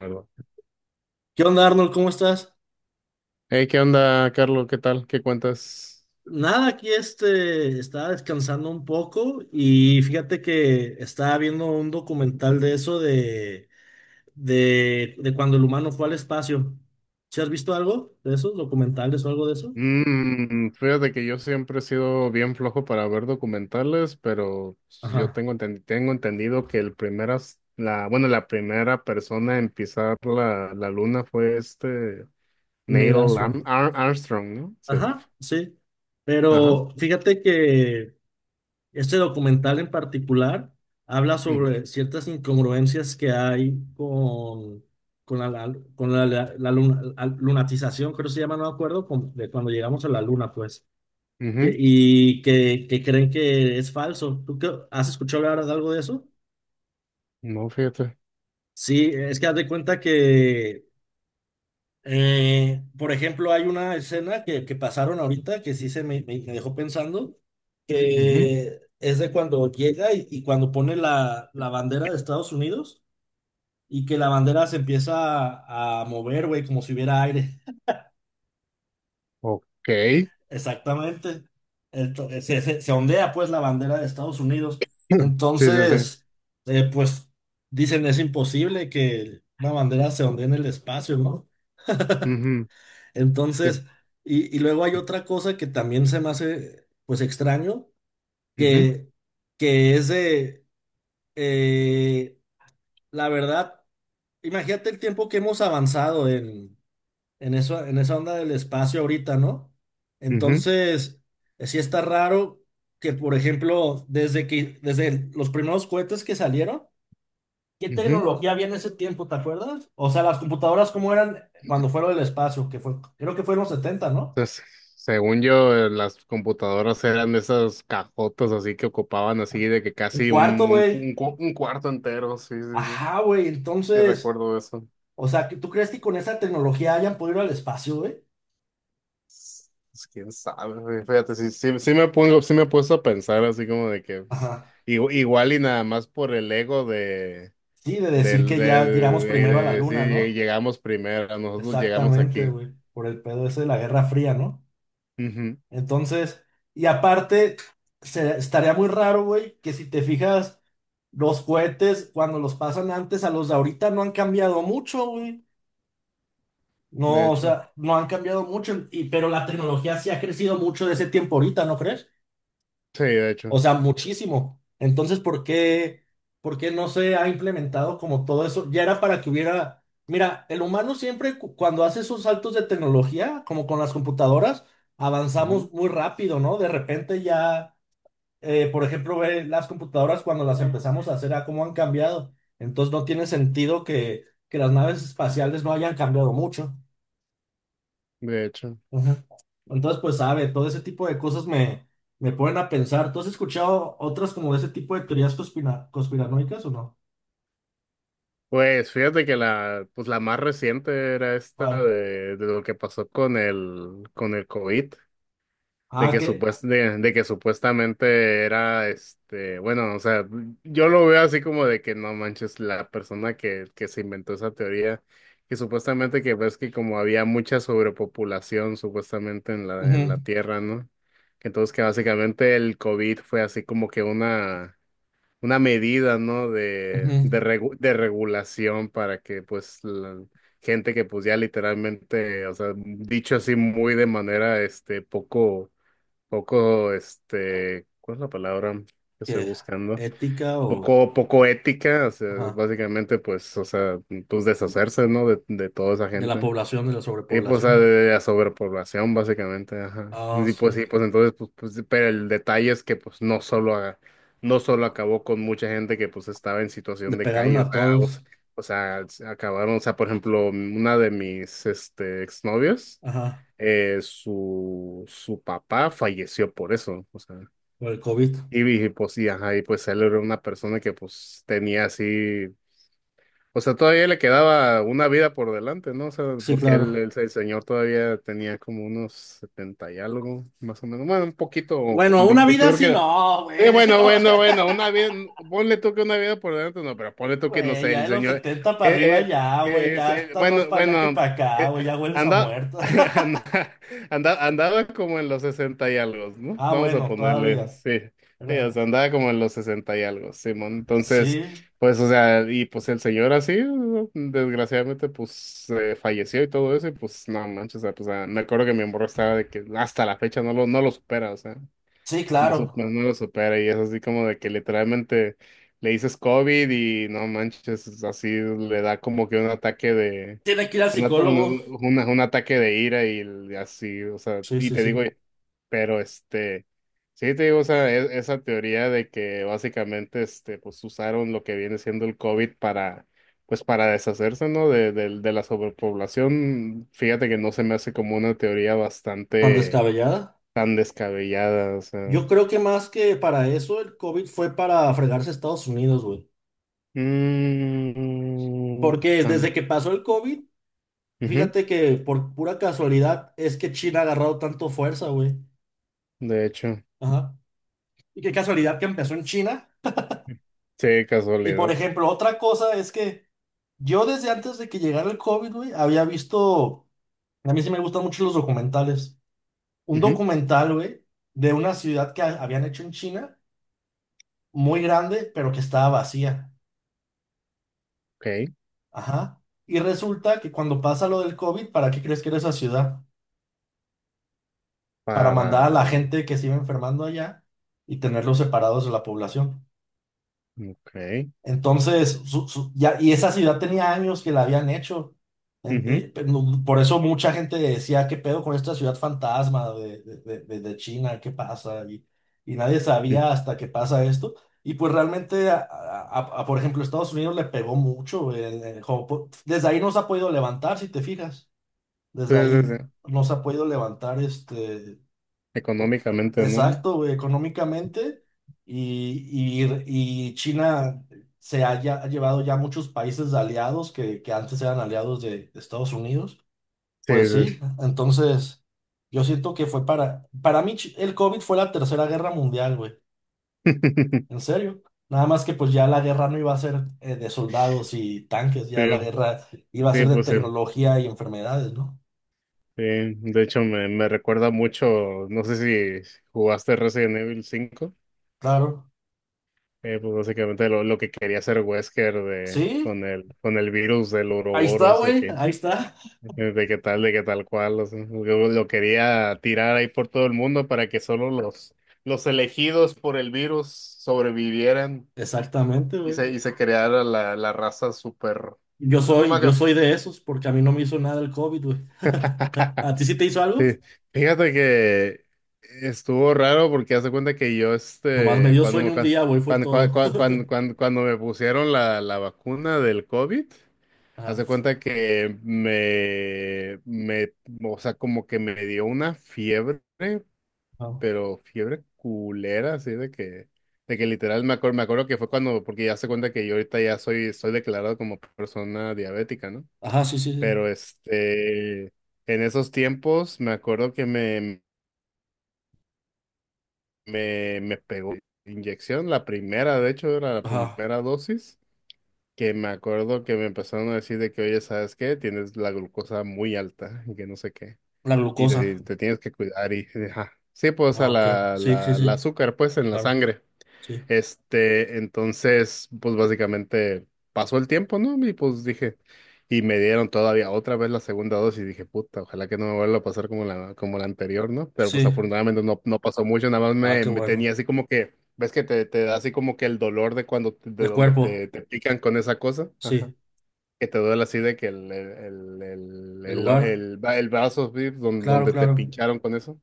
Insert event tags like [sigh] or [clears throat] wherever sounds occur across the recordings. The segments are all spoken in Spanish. ¿Verdad? ¿Qué onda, Arnold? ¿Cómo estás? Hey, ¿qué onda, Carlos? ¿Qué tal? ¿Qué cuentas? Nada, aquí este, estaba descansando un poco y fíjate que estaba viendo un documental de eso de cuando el humano fue al espacio. ¿Sí has visto algo de esos documentales o algo de eso? Fíjate que yo siempre he sido bien flojo para ver documentales, pero pues, Ajá, tengo entendido que el primera, la, bueno, la primera persona en pisar la luna fue Neil Neil Armstrong. Armstrong, ¿no? Sí. Ajá, sí. Ajá. Pero fíjate que este documental en particular habla Ujú, sobre ciertas incongruencias que hay con la lunatización, creo que se llama, no me acuerdo, de cuando llegamos a la luna, pues, ujú. y que creen que es falso. ¿Tú has escuchado hablar de algo de eso? No, fíjate. Sí, es que haz de cuenta que, por ejemplo, hay una escena que pasaron ahorita que sí se me dejó pensando, Ujú. que es de cuando llega y, cuando pone la bandera de Estados Unidos y que la bandera se empieza a mover, güey, como si hubiera aire. Ok. [laughs] Exactamente. Se ondea pues la bandera de Estados Unidos. [clears throat] Sí, sí, sí. Entonces, pues dicen es imposible que una bandera se ondee en el espacio, ¿no? Ujú, sí. Entonces, y luego hay otra cosa que también se me hace pues extraño, Ujú, que, que es de, eh, la verdad, imagínate el tiempo que hemos avanzado en esa onda del espacio ahorita, ¿no? ujú, Entonces, sí está raro que, por ejemplo, desde los primeros cohetes que salieron, ¿qué ujú. tecnología había en ese tiempo, te acuerdas? O sea, las computadoras, ¿cómo eran cuando fueron del espacio? Que fue, creo que fue en los 70, ¿no? Entonces, según yo, las computadoras eran esas cajotas así que ocupaban así de que Un casi cuarto, un, un, cu- güey. un cu- un cuarto entero, sí, sí, sí, Ajá, güey. sí Entonces, recuerdo eso. o sea, ¿tú crees que con esa tecnología hayan podido ir al espacio, güey? Pues, quién sabe, güey, fíjate, sí, sí, sí, sí me he puesto a pensar así como de que pues, Ajá. Igual y nada más por el ego de, Sí, de decir del, que ya llegamos de primero a la luna, decir: ¿no? Llegamos primero, nosotros llegamos Exactamente, aquí". güey. Por el pedo ese de la Guerra Fría, ¿no? Ujú, Entonces, y aparte, estaría muy raro, güey, que si te fijas, los cohetes, cuando los pasan antes a los de ahorita, no han cambiado mucho, güey. de No, o hecho, sea, no han cambiado mucho, pero la tecnología sí ha crecido mucho de ese tiempo ahorita, ¿no crees? sí, de O hecho. sea, muchísimo. Entonces, ¿por qué no se ha implementado como todo eso? Ya era para que hubiera. Mira, el humano siempre cuando hace esos saltos de tecnología, como con las computadoras, Ujú. avanzamos muy rápido, ¿no? De repente ya, por ejemplo, ve las computadoras cuando las empezamos a hacer, a cómo han cambiado. Entonces, no tiene sentido que las naves espaciales no hayan cambiado mucho. De hecho. Ujú. Entonces, pues sabe, todo ese tipo de cosas me ponen a pensar. ¿Tú has escuchado otras como de ese tipo de teorías conspiranoicas o no? Pues fíjate que la más reciente era esta ¿Cuál? de lo que pasó con el COVID, Ah, que, de que supuestamente era bueno, o sea, yo lo veo así como de que no manches, la persona que se inventó esa teoría, que supuestamente, que ves que como había mucha sobrepopulación supuestamente en la, en ujú, la Tierra, ¿no? Que entonces que básicamente el COVID fue así como que una medida, ¿no? De, ujú, de, regu- de regulación para que, pues, la gente que, pues, ya literalmente, o sea, dicho así muy de manera, poco, poco, ¿cuál es la palabra que que estoy buscando? ética o Poco, poco ética, o sea, ajá, básicamente, pues, o sea, pues, deshacerse, ¿no? De toda esa de la gente. población, de la Sí, pues, o sea, de sobrepoblación. de la sobrepoblación, básicamente, ajá. Ah, sí. Sí, pues entonces, pues, sí, pero el detalle es que, pues, no solo, no solo acabó con mucha gente que, pues, estaba en Le situación de pegaron calle, o a sea, todos, o sea, acabaron, o sea, por ejemplo, una de mis, exnovios, ajá, su papá falleció por eso, o sea, por el COVID. y, pues, sí, ajá, y pues él era una persona que, pues, tenía así, o sea, todavía le quedaba una vida por delante, ¿no? O sea, Sí, porque el, claro. el, el señor todavía tenía como unos 70 y algo, más o menos. Bueno, un poquito, Bueno, una vida yo creo que así era- no, güey. [laughs] Bueno, No. bueno, bueno, una vida, ponle tú que una vida por delante, no, pero ponle tú que, no Güey, sé, ya el de los señor, 70 para arriba eh, ya, güey, ya estás más bueno, para allá que bueno, para acá, güey, ya hueles a anda, muerto. [laughs] anda- andaba como en los 60 y algo, ¿no? Ah, Vamos a bueno, ponerle, todavía. sí, sí, Era- o sea, andaba como en los 60 y algo, Simón. Sí, Pues, o sea, y pues el señor así, ¿no? Desgraciadamente, pues falleció y todo eso, y pues no manches, o sea, pues, ah, me acuerdo que mi morro estaba de que hasta la fecha no lo supera, o sea, sí, no, sup- claro. no no lo supera y es así como de que literalmente le dices COVID y no manches, es así, le da como que un ataque de, Tiene que ir al un, at- psicólogo. una- un ataque de ira y así, o sea, Sí, y sí, te digo, sí. pero sí te digo, o sea, esa teoría de que básicamente, pues usaron lo que viene siendo el COVID para, pues para deshacerse, ¿no? De, del, de la sobrepoblación, fíjate que no se me hace como una teoría Tan bastante descabellada. tan descabellada, o sea. Yo creo que más que para eso, el COVID fue para fregarse a Estados Unidos, güey. Mm. Porque desde tam- que pasó el COVID, ujú. fíjate que por pura casualidad es que China ha agarrado tanto fuerza, güey. De hecho, Ajá. Y qué casualidad que empezó en China. sí, Y por casualidad. ejemplo, otra cosa es que yo desde antes de que llegara el COVID, güey, había visto. A mí sí me gustan mucho los documentales. Un Ujú. documental, güey, de una ciudad que habían hecho en China, muy grande, pero que estaba vacía. Ok. Ajá. Y resulta que cuando pasa lo del COVID, ¿para qué crees que era esa ciudad? Para mandar a la para, gente que se iba enfermando allá y tenerlos separados de la población. ok, Entonces, ya, y esa ciudad tenía años que la habían hecho. Ujú, No, por eso mucha gente decía, ¿qué pedo con esta ciudad fantasma de China? ¿Qué pasa? Y nadie mm, sabía hasta que pasa esto. Y pues realmente, por ejemplo, Estados Unidos le pegó mucho en Japón. Desde ahí no se ha podido levantar, si te fijas. sí, Desde sí, ahí sí. no se ha podido levantar este. Económicamente, ¿no? Exacto, güey, económicamente y, y- y China ha llevado ya muchos países de aliados que antes eran aliados de Estados Unidos. Sí, Pues sí. sí, entonces yo siento que fue para mí Chi- el COVID fue la tercera guerra mundial, güey, en [laughs] serio. Nada más que pues ya la guerra no iba a ser, de soldados y tanques, ya la Sí, guerra iba a ser sí, de pues sí. tecnología y enfermedades, ¿no? Sí, de hecho me recuerda mucho, no sé si jugaste Resident Evil cinco, Claro, pues básicamente lo que quería hacer Wesker de, sí, con el virus del ahí está, Ouroboros, de güey, que... ahí está. De qué tal cual, o sea, yo lo quería tirar ahí por todo el mundo para que solo los elegidos por el virus sobrevivieran Exactamente, y se, güey. y se creara la raza super... Yo No, no me soy, yo acuerdo. soy de esos porque a mí no me hizo nada el COVID, güey. [laughs] [laughs] ¿A ti sí te hizo algo? Sí, fíjate que estuvo raro porque hace cuenta que yo, Nomás me dio cuando sueño me, un cuando, día, güey, fue cuando, cua- todo. cua- cuando, [laughs] cuando me pusieron la vacuna del COVID, haz Ajá. de cuenta que o sea, como que me dio una fiebre, Ajá, pero fiebre culera, así de que, literal me acuerdo que fue cuando, porque ya se cuenta que yo ahorita ya soy, estoy declarado como persona diabética, ¿no? Ajá, sí, sí, sí. Pero en esos tiempos me acuerdo que me pegó inyección, la primera, de hecho, era la Ajá. primera dosis. Que me acuerdo que me empezaron a decir de que, oye, ¿sabes qué? Tienes la glucosa muy alta y que no sé qué. La Y te, glucosa. te tienes que cuidar y, ajá. Sí, pues, Ah, a ok. la, Sí, sí, la, la sí. azúcar, pues, en la Claro, sangre. sí. Entonces, pues básicamente pasó el tiempo, ¿no? Y pues dije, y me dieron todavía otra vez la segunda dosis y dije, puta, ojalá que no me vuelva a pasar como la anterior, ¿no? Pero pues Sí. afortunadamente no pasó mucho, nada más Ah, me, qué me bueno. tenía así como que, ves que te da así como que el dolor de cuando, de De donde cuerpo. te pican con esa cosa, ajá. Sí. Que te duele así de que el, el, el, el, El el, lugar. el, va- el brazo, ¿sí? Don- Claro, donde te claro. pincharon con eso.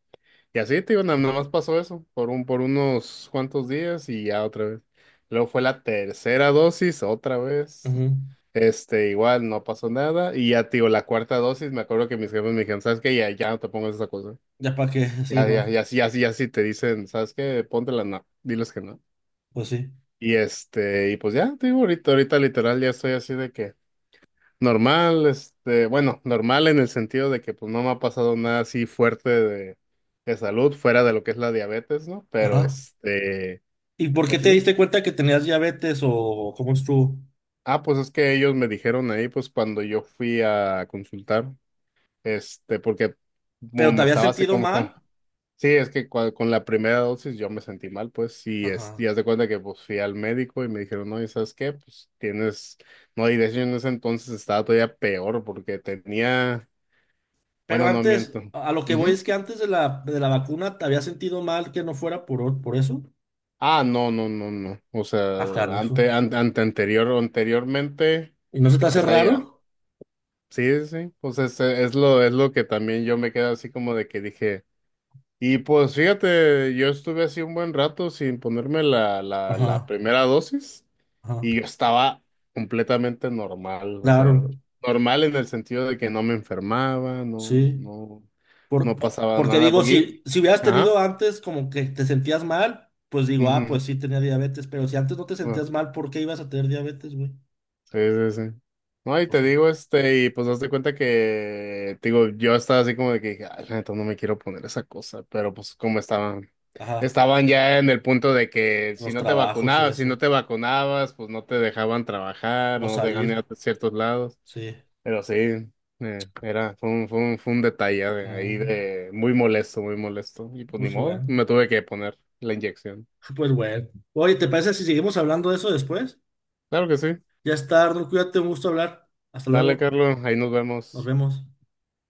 Y así, te digo, nada más pasó eso por por unos cuantos días y ya otra vez. Luego fue la tercera dosis, otra vez. Ujú. Este, igual no pasó nada. Y ya, te digo, la cuarta dosis, me acuerdo que mis jefes me dijeron, ¿sabes qué? Ya, ya no te pongas esa cosa. Ya para qué, sí, Ya, ya, no. ya, sí, ya, sí, ya, sí te dicen, ¿sabes qué? Póntela, no, diles que no. Pues sí. Y pues ya, te digo, ahorita, ahorita literal ya estoy así de que... Normal, bueno, normal en el sentido de que pues no me ha pasado nada así fuerte de salud fuera de lo que es la diabetes, ¿no? Pero Ajá. ¿Y por qué te así... diste cuenta que tenías diabetes o cómo estuvo? Ah, pues es que ellos me dijeron ahí, pues cuando yo fui a consultar, este, porque como ¿Pero te me habías estaba así sentido como con, mal? sí, es que con la primera dosis yo me sentí mal, pues, y es, y Ajá. haz de cuenta que pues fui al médico y me dijeron, no, ¿y sabes qué? Pues tienes, no, y de hecho en ese entonces estaba todavía peor porque tenía, Pero bueno, no antes, miento. a lo que voy es que antes de la vacuna te había sentido mal que no fuera por eso. Ah, no, no, no, no. O Acá, sea, hijo. Anteriormente, ¿Y no se te o hace sea, ya, raro? sí, sí, sí. Pues es, es lo que también yo me quedo así como de que dije, y pues fíjate, yo estuve así un buen rato sin ponerme la Ajá, primera dosis ajá. y yo estaba completamente normal, o sea, Claro, normal en el sentido de que no me enfermaba, no, sí. no, Por, no o- pasaba porque nada, digo, si, porque, si hubieras tenido ajá, antes como que te sentías mal, pues digo, ah, ujú, pues sí tenía diabetes, pero si antes no te bueno. sentías mal, ¿por qué ibas a tener diabetes, güey? Sí, sí, sí. No, y O te sea, digo, y pues hazte cuenta que, te digo, yo estaba así como de que, dije, ay, la neta, no me quiero poner esa cosa, pero pues como estaban, ajá, estaban ya en el punto de que si los no te trabajos y vacunabas, si no eso. te vacunabas, pues no te dejaban trabajar, O no te dejaban ir salir, a ciertos lados, sí. pero sí, fue un detalle de ahí Mm, de muy molesto, y pues ni pues modo, bueno, me tuve que poner la inyección. pues bueno. Oye, ¿te parece si seguimos hablando de eso después? Claro que sí, Ya está, Arnold, cuídate, un gusto hablar. Hasta dale, luego, Carlos, ahí nos nos vemos. vemos.